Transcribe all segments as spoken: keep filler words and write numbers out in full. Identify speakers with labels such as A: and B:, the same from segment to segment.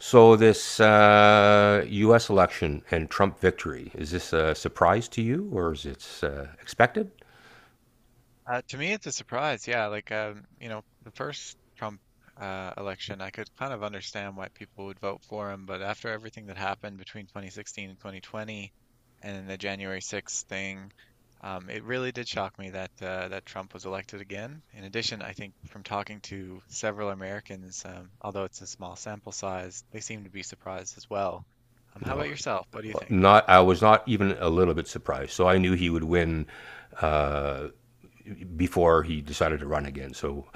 A: So this uh, U S election and Trump victory, is this a surprise to you, or is it uh, expected?
B: Uh, to me, it's a surprise. Yeah, like um, you know, the first Trump uh, election, I could kind of understand why people would vote for him, but after everything that happened between twenty sixteen and twenty twenty, and the January sixth thing, um, it really did shock me that uh, that Trump was elected again. In addition, I think from talking to several Americans, um, although it's a small sample size, they seem to be surprised as well. Um, how
A: No,
B: about yourself? What do you think?
A: not. I was not even a little bit surprised. So I knew he would win before he decided to run again. So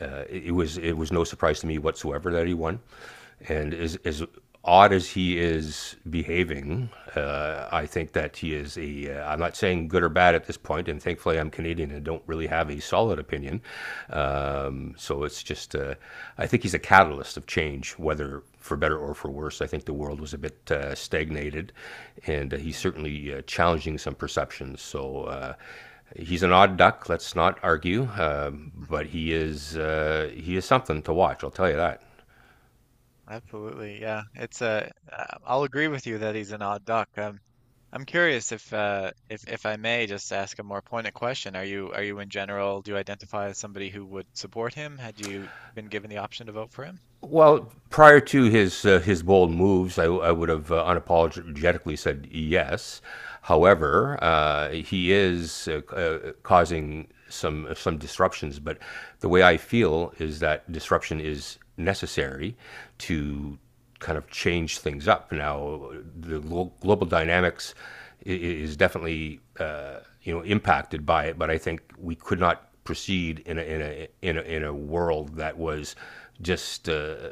A: uh, it, it was it was no surprise to me whatsoever that he won. And as, as odd as he is behaving, uh, I think that he is a. Uh, I'm not saying good or bad at this point, and thankfully I'm Canadian and don't really have a solid opinion.
B: Mhm,
A: Um, so it's just, uh, I think he's a catalyst of change, whether for better or for worse. I think the world was a bit uh, stagnated, and uh, he's
B: mhm.
A: certainly uh, challenging some perceptions. So. Uh, he's an odd duck. Let's not argue, um, but he is uh, he is something to watch. I'll tell you that.
B: Absolutely, yeah. It's a. Uh, I'll agree with you that he's an odd duck. Um, I'm curious if, uh, if if I may just ask a more pointed question. Are you are you in general, do you identify as somebody who would support him? Had you been given the option to vote for him?
A: Well, prior to his uh, his bold moves, I, I would have uh, unapologetically said yes.
B: Mm,
A: However, uh, he is uh, uh, causing some some disruptions. But the way I feel is that disruption is necessary
B: mm,
A: to kind of change things up. Now, the global dynamics is definitely uh, you know impacted by it, but I think we could not proceed in a in a in a, in a world that was just uh,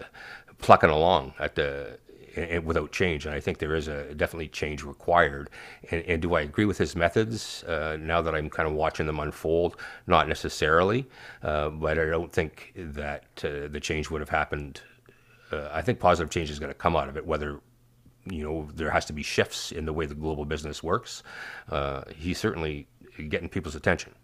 A: plucking along at the and without change. And I think there is a definitely change required. And, and do I agree with his methods uh, now that I'm kind of watching them unfold? Not necessarily, uh, but I
B: mm.
A: don't think that uh, the change would have happened. uh, I think positive change is going to come out of it, whether you know there has to be shifts in the way the global business works. Uh, he's certainly getting people's attention.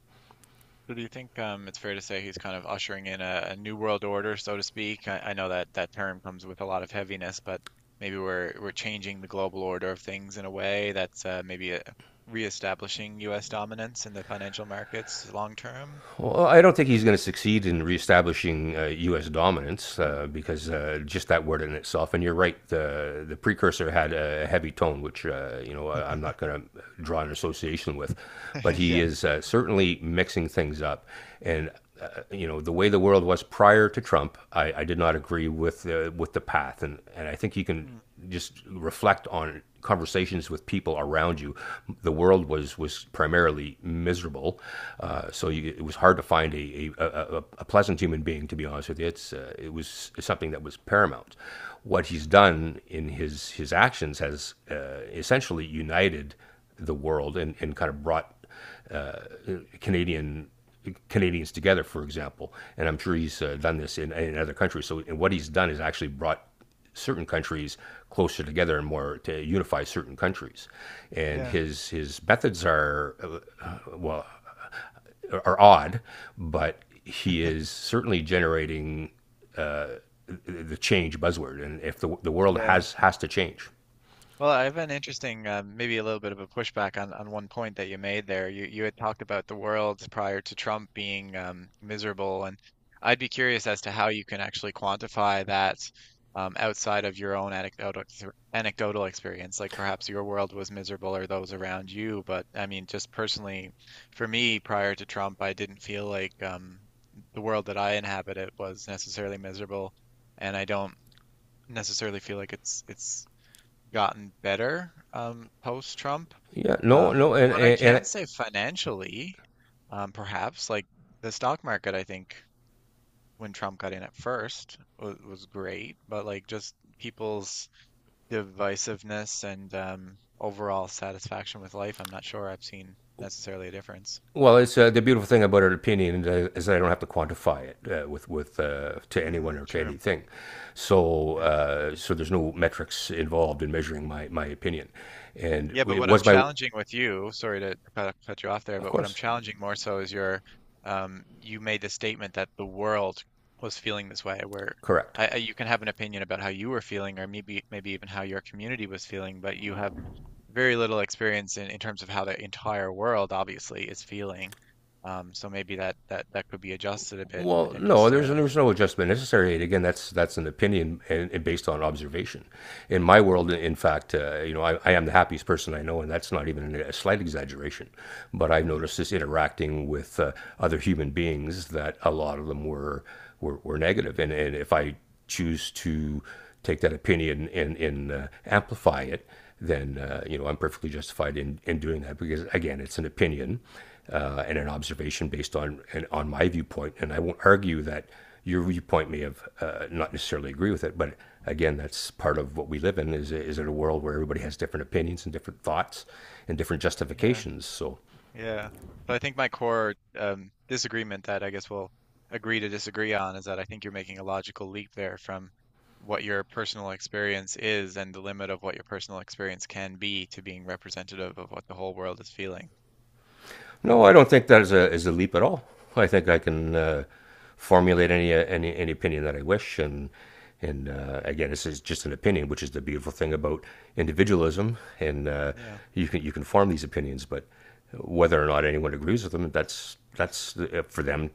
B: So do you think um, it's fair to say he's kind of ushering in a, a new world order, so to speak? I, I know that that term comes with a lot of heaviness, but maybe we're we're changing the global order of things in a way that's uh, maybe uh reestablishing U S dominance in the financial markets long term.
A: Well, I don't think he's going to succeed in reestablishing uh, U S dominance uh, because
B: Mm.
A: uh, just that word in itself. And you're right, the the precursor had a heavy tone, which uh, you know I- am not going to draw an association with, but he
B: Yeah.
A: is uh, certainly mixing things up. And uh, you know the way the world was prior to Trump, I, I did not agree with uh, with the path, and and I think you can
B: Mm,
A: just reflect on conversations with people around you. The world was was primarily miserable, uh, so you,
B: mm,
A: it was hard to find a, a, a, a pleasant human being. To be honest with you, it's uh, it was something that was paramount. What he's
B: mm,
A: done in his his actions has uh, essentially united the world and, and kind of brought uh, Canadian Canadians together, for example. And I'm sure he's uh,
B: mm.
A: done this in, in other countries. So, and what he's done is actually brought certain countries closer together and more to unify certain countries. And
B: Yeah.
A: his his methods are uh, well are odd, but he is certainly generating the change buzzword. And if the the world
B: Yeah.
A: has has to change,
B: Well, I have an interesting, um, maybe a little bit of a pushback on, on one point that you made there. You you had talked about the world prior to Trump being um, miserable, and I'd be curious as to how you can actually quantify that um, outside of your own anecdotal ex- anecdotal experience. Like perhaps your world was miserable or those around you, but I mean, just personally, for me, prior to Trump, I didn't feel like um, the world that I inhabited was necessarily miserable, and I don't necessarily feel like it's it's gotten better um, post-Trump.
A: yeah, no,
B: Um,
A: no, and.
B: what I
A: And
B: can say financially, um, perhaps like the stock market, I think when Trump got in at first was, was great, but like just people's divisiveness and um, overall satisfaction with life, I'm not sure I've seen necessarily a difference.
A: Well, it's uh, the beautiful thing about an opinion is I- don't have to quantify it uh, with with uh, to anyone
B: Mm,
A: or to
B: true.
A: anything. So
B: Yeah.
A: uh, so there's no metrics involved in measuring my my opinion, and
B: Yeah, but
A: it
B: what I'm
A: was my,
B: challenging with you, sorry to cut cut you off there,
A: of
B: but what I'm
A: course,
B: challenging more so is your, um, you made the statement that the world was feeling this way, where
A: correct.
B: I, I, you can have an opinion about how you were feeling, or maybe maybe even how your community was feeling, but you have very little experience in, in terms of how the entire world obviously is feeling. Um, so maybe that that that could be adjusted a bit and
A: Well,
B: and
A: no,
B: just
A: there's
B: uh,
A: there's no adjustment necessary. And again, that's that's an opinion and, and based on observation. In my
B: Mm,
A: world, in fact, uh, you know, I, I am the happiest person I know, and that's not even a slight exaggeration. But I've
B: mm,
A: noticed this interacting with uh, other human beings that a lot of them were were, were negative, and and if I choose to take that opinion and, and uh, amplify it, then
B: mm,
A: uh, you know I'm perfectly justified in, in doing that because again, it's an opinion uh, and an observation based on and on my viewpoint, and I won't argue that your viewpoint may have uh, not necessarily agree with it, but again, that's part of what we live in is is in a world where everybody has different opinions and different thoughts and different
B: yeah.
A: justifications. So
B: Yeah. But I think my core um, disagreement that I guess we'll agree to disagree on is that I think you're making a logical leap there from what your personal experience is and the limit of what your personal experience can be to being representative of what the whole world is feeling.
A: no, I don't think that is a is a leap at all. I think I can uh, formulate any uh, any any opinion that I wish, and and uh, again, this is just an opinion, which is the beautiful thing about individualism, and uh,
B: Yeah.
A: you can you can form these opinions, but whether or not anyone agrees with them, that's that's uh, for them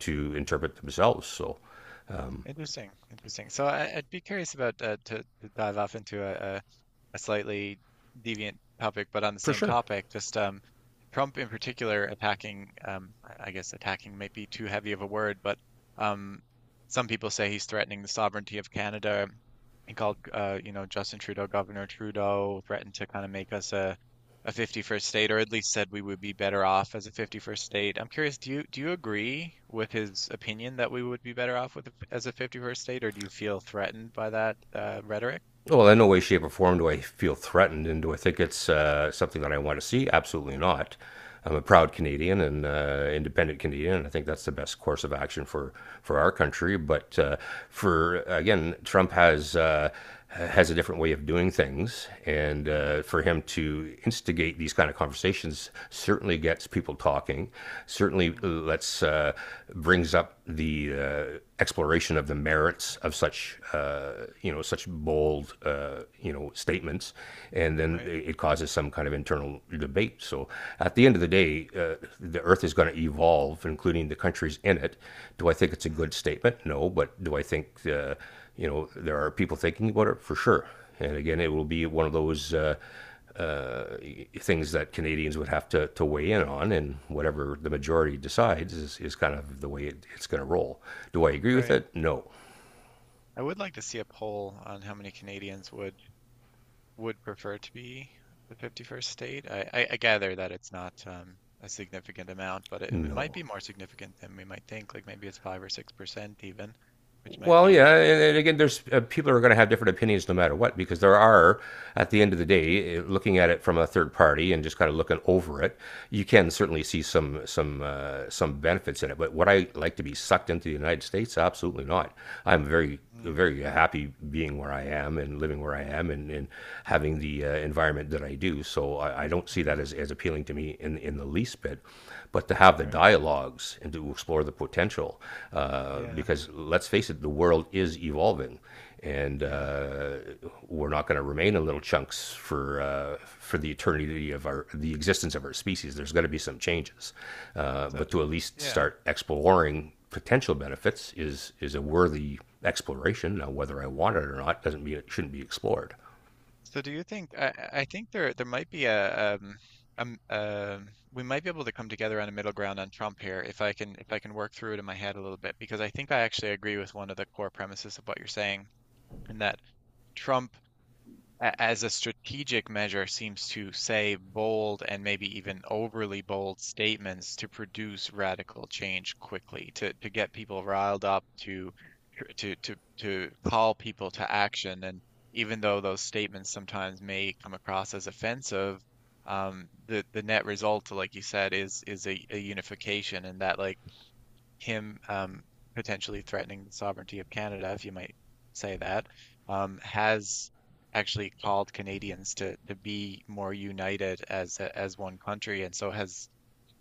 A: to interpret themselves. So
B: Interesting. Interesting. So I, I'd be curious about uh, to, to dive off into a, a a slightly deviant topic, but on the
A: for
B: same
A: sure.
B: topic, just um, Trump in particular attacking, um, I guess attacking might be too heavy of a word, but um, some people say he's threatening the sovereignty of Canada. He called, uh, you know, Justin Trudeau, Governor Trudeau, threatened to kind of make us a a fifty-first state, or at least said we would be better off as a fifty-first state. I'm curious, do you do you agree with his opinion that we would be better off with as a fifty-first state, or do you feel threatened by that uh, rhetoric?
A: Oh, well, in no way, shape, or form do I feel threatened, and do I think it's uh, something that I want to see? Absolutely not. I'm a proud Canadian and uh, independent Canadian, and I think that's the best course of action for, for our country. But uh, for again, Trump has uh, has a different way of doing things, and
B: Mm-hmm.
A: uh, for him to instigate these kind of conversations certainly gets people talking. Certainly uh,
B: Mm-hmm.
A: lets uh, uh, brings up the uh, exploration of the merits of such uh, you know such bold uh, you know statements, and then
B: Right.
A: it causes some kind of internal debate. So at the end of the day, uh, the Earth is going to evolve, including the countries in it. Do I think it's a
B: Hmm.
A: good statement? No, but do I think uh, you know there are people thinking about it for sure? And again, it will be one of those uh, things that Canadians would have to, to weigh in on, and whatever the majority decides is, is kind of the way it, it's going to roll. Do I agree with
B: Right.
A: it? No,
B: I would like to see a poll on how many Canadians would would prefer to be the fifty-first state. I, I, I gather that it's not um, a significant amount, but it, it might
A: no.
B: be more significant than we might think. Like maybe it's five or six percent even, which might
A: Well,
B: be.
A: yeah, and again, there's uh, people are going to have different opinions no matter what because there are, at the end of the day, eh, looking at it from a third party and just kind of looking over it, you can certainly see some some uh, some benefits in it. But would I like to be sucked into the United States? Absolutely not. I'm very
B: Mm,
A: very happy being where I am and living where I am and, and having the uh, environment that I do. So I, I don't see that
B: mhm,
A: as, as appealing to me in, in the least bit. But to have the
B: right.
A: dialogues and to explore the potential, uh,
B: Yeah.
A: because let's face it, the world is evolving and
B: Yeah.
A: uh, we're not going to remain in little chunks for uh, for the eternity of our the existence of our species. There's going to be some changes, uh,
B: So
A: but to at
B: uh,
A: least
B: yeah.
A: start exploring potential benefits is is a worthy exploration. Now, whether I want it or not doesn't mean it shouldn't be explored.
B: So do you think I, I I think there there might be a um um uh, we might be able to come together on a middle ground on Trump here if I can if I can work through it in my head a little bit because I think I actually agree with one of the core premises of what you're saying in that Trump a- as a strategic measure seems to say bold and maybe even overly bold statements to produce radical change quickly, to, to get people riled up, to to to to call people to action. And even though those statements sometimes may come across as offensive, um, the the net result, like you said, is is a, a unification, and that like him um, potentially threatening the sovereignty of Canada, if you might say that, um, has actually called Canadians to to be more united as as one country, and so has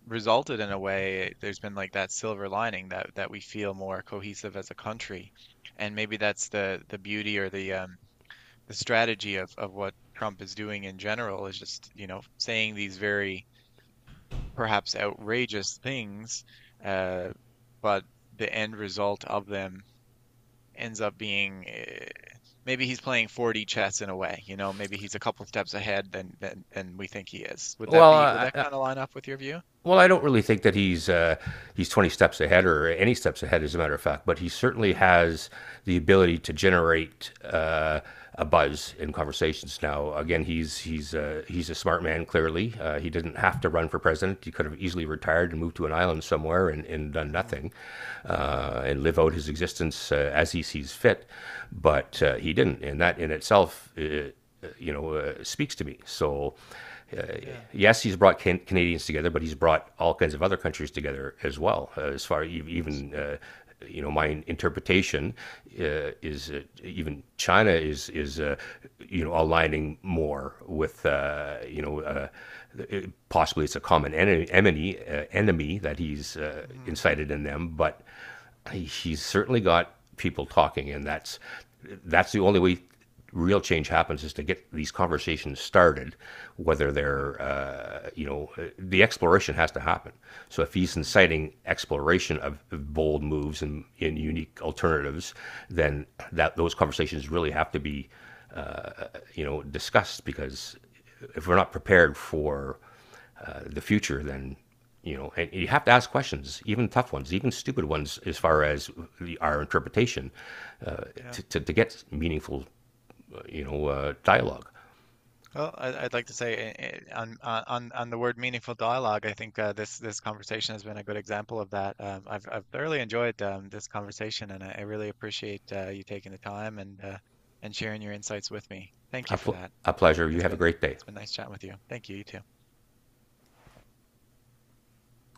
B: resulted in a way there's been like that silver lining that that we feel more cohesive as a country. And maybe that's the the beauty or the um the strategy of of what Trump is doing in general is just, you know, saying these very perhaps outrageous things, uh, but the end result of them ends up being uh, maybe he's playing four D chess in a way, you know, maybe he's a couple steps ahead than than than we think he is. Would that
A: Well,
B: be would that
A: I,
B: kind of line up with your view?
A: Well, I don't really think that he's uh, he's twenty steps ahead or any steps ahead, as a matter of fact. But he certainly has the ability to generate uh, a buzz in conversations. Now, again,
B: Mm-hmm.
A: he's he's uh, he's a smart man. Clearly, uh, he didn't have to run for president. He could have easily retired and moved to an island somewhere and, and done nothing uh, and live out his existence uh, as he sees fit. But uh,
B: Mm-hmm.
A: he didn't, and that in itself. Uh, you know, uh, speaks to me. So
B: Yeah,
A: yes, he's brought can- Canadians together, but he's brought all kinds of other countries together as well. Uh, as far e- even
B: absolutely.
A: uh, you know, my interpretation uh, is uh, even China is is uh, you know aligning more with uh, you know. Uh, it- Possibly it's a common en- enemy, uh, enemy that he's uh,
B: Mm-hmm.
A: incited in them, but he's certainly got people talking, and that's that's the only way real change happens is to get these conversations started, whether they're,
B: Absolutely.
A: uh, you know, uh, the exploration has to happen. So if he's
B: Mm-hmm.
A: inciting exploration of of bold moves and, and unique alternatives, then that those conversations really have to be you know, discussed because if we're not prepared for uh, the future, then you know, and you have to ask questions, even tough ones, even stupid ones, as far
B: Mm-hmm.
A: as the, our interpretation, uh,
B: Yeah.
A: to, to, to get meaningful, uh, you know, uh, dialogue.
B: Well, I- I'd like to say uh, uh, on on on on the word meaningful dialogue, I think uh, this this conversation has been a good example of that. Um, I've I've thoroughly enjoyed um, this conversation, and I, I really appreciate uh, you taking the time and uh, and sharing your insights with me. Thank
A: A,
B: you for
A: pl-
B: that.
A: a pleasure. You
B: It's
A: have a
B: been
A: great day.
B: it's been nice chatting with you. Thank you, you too.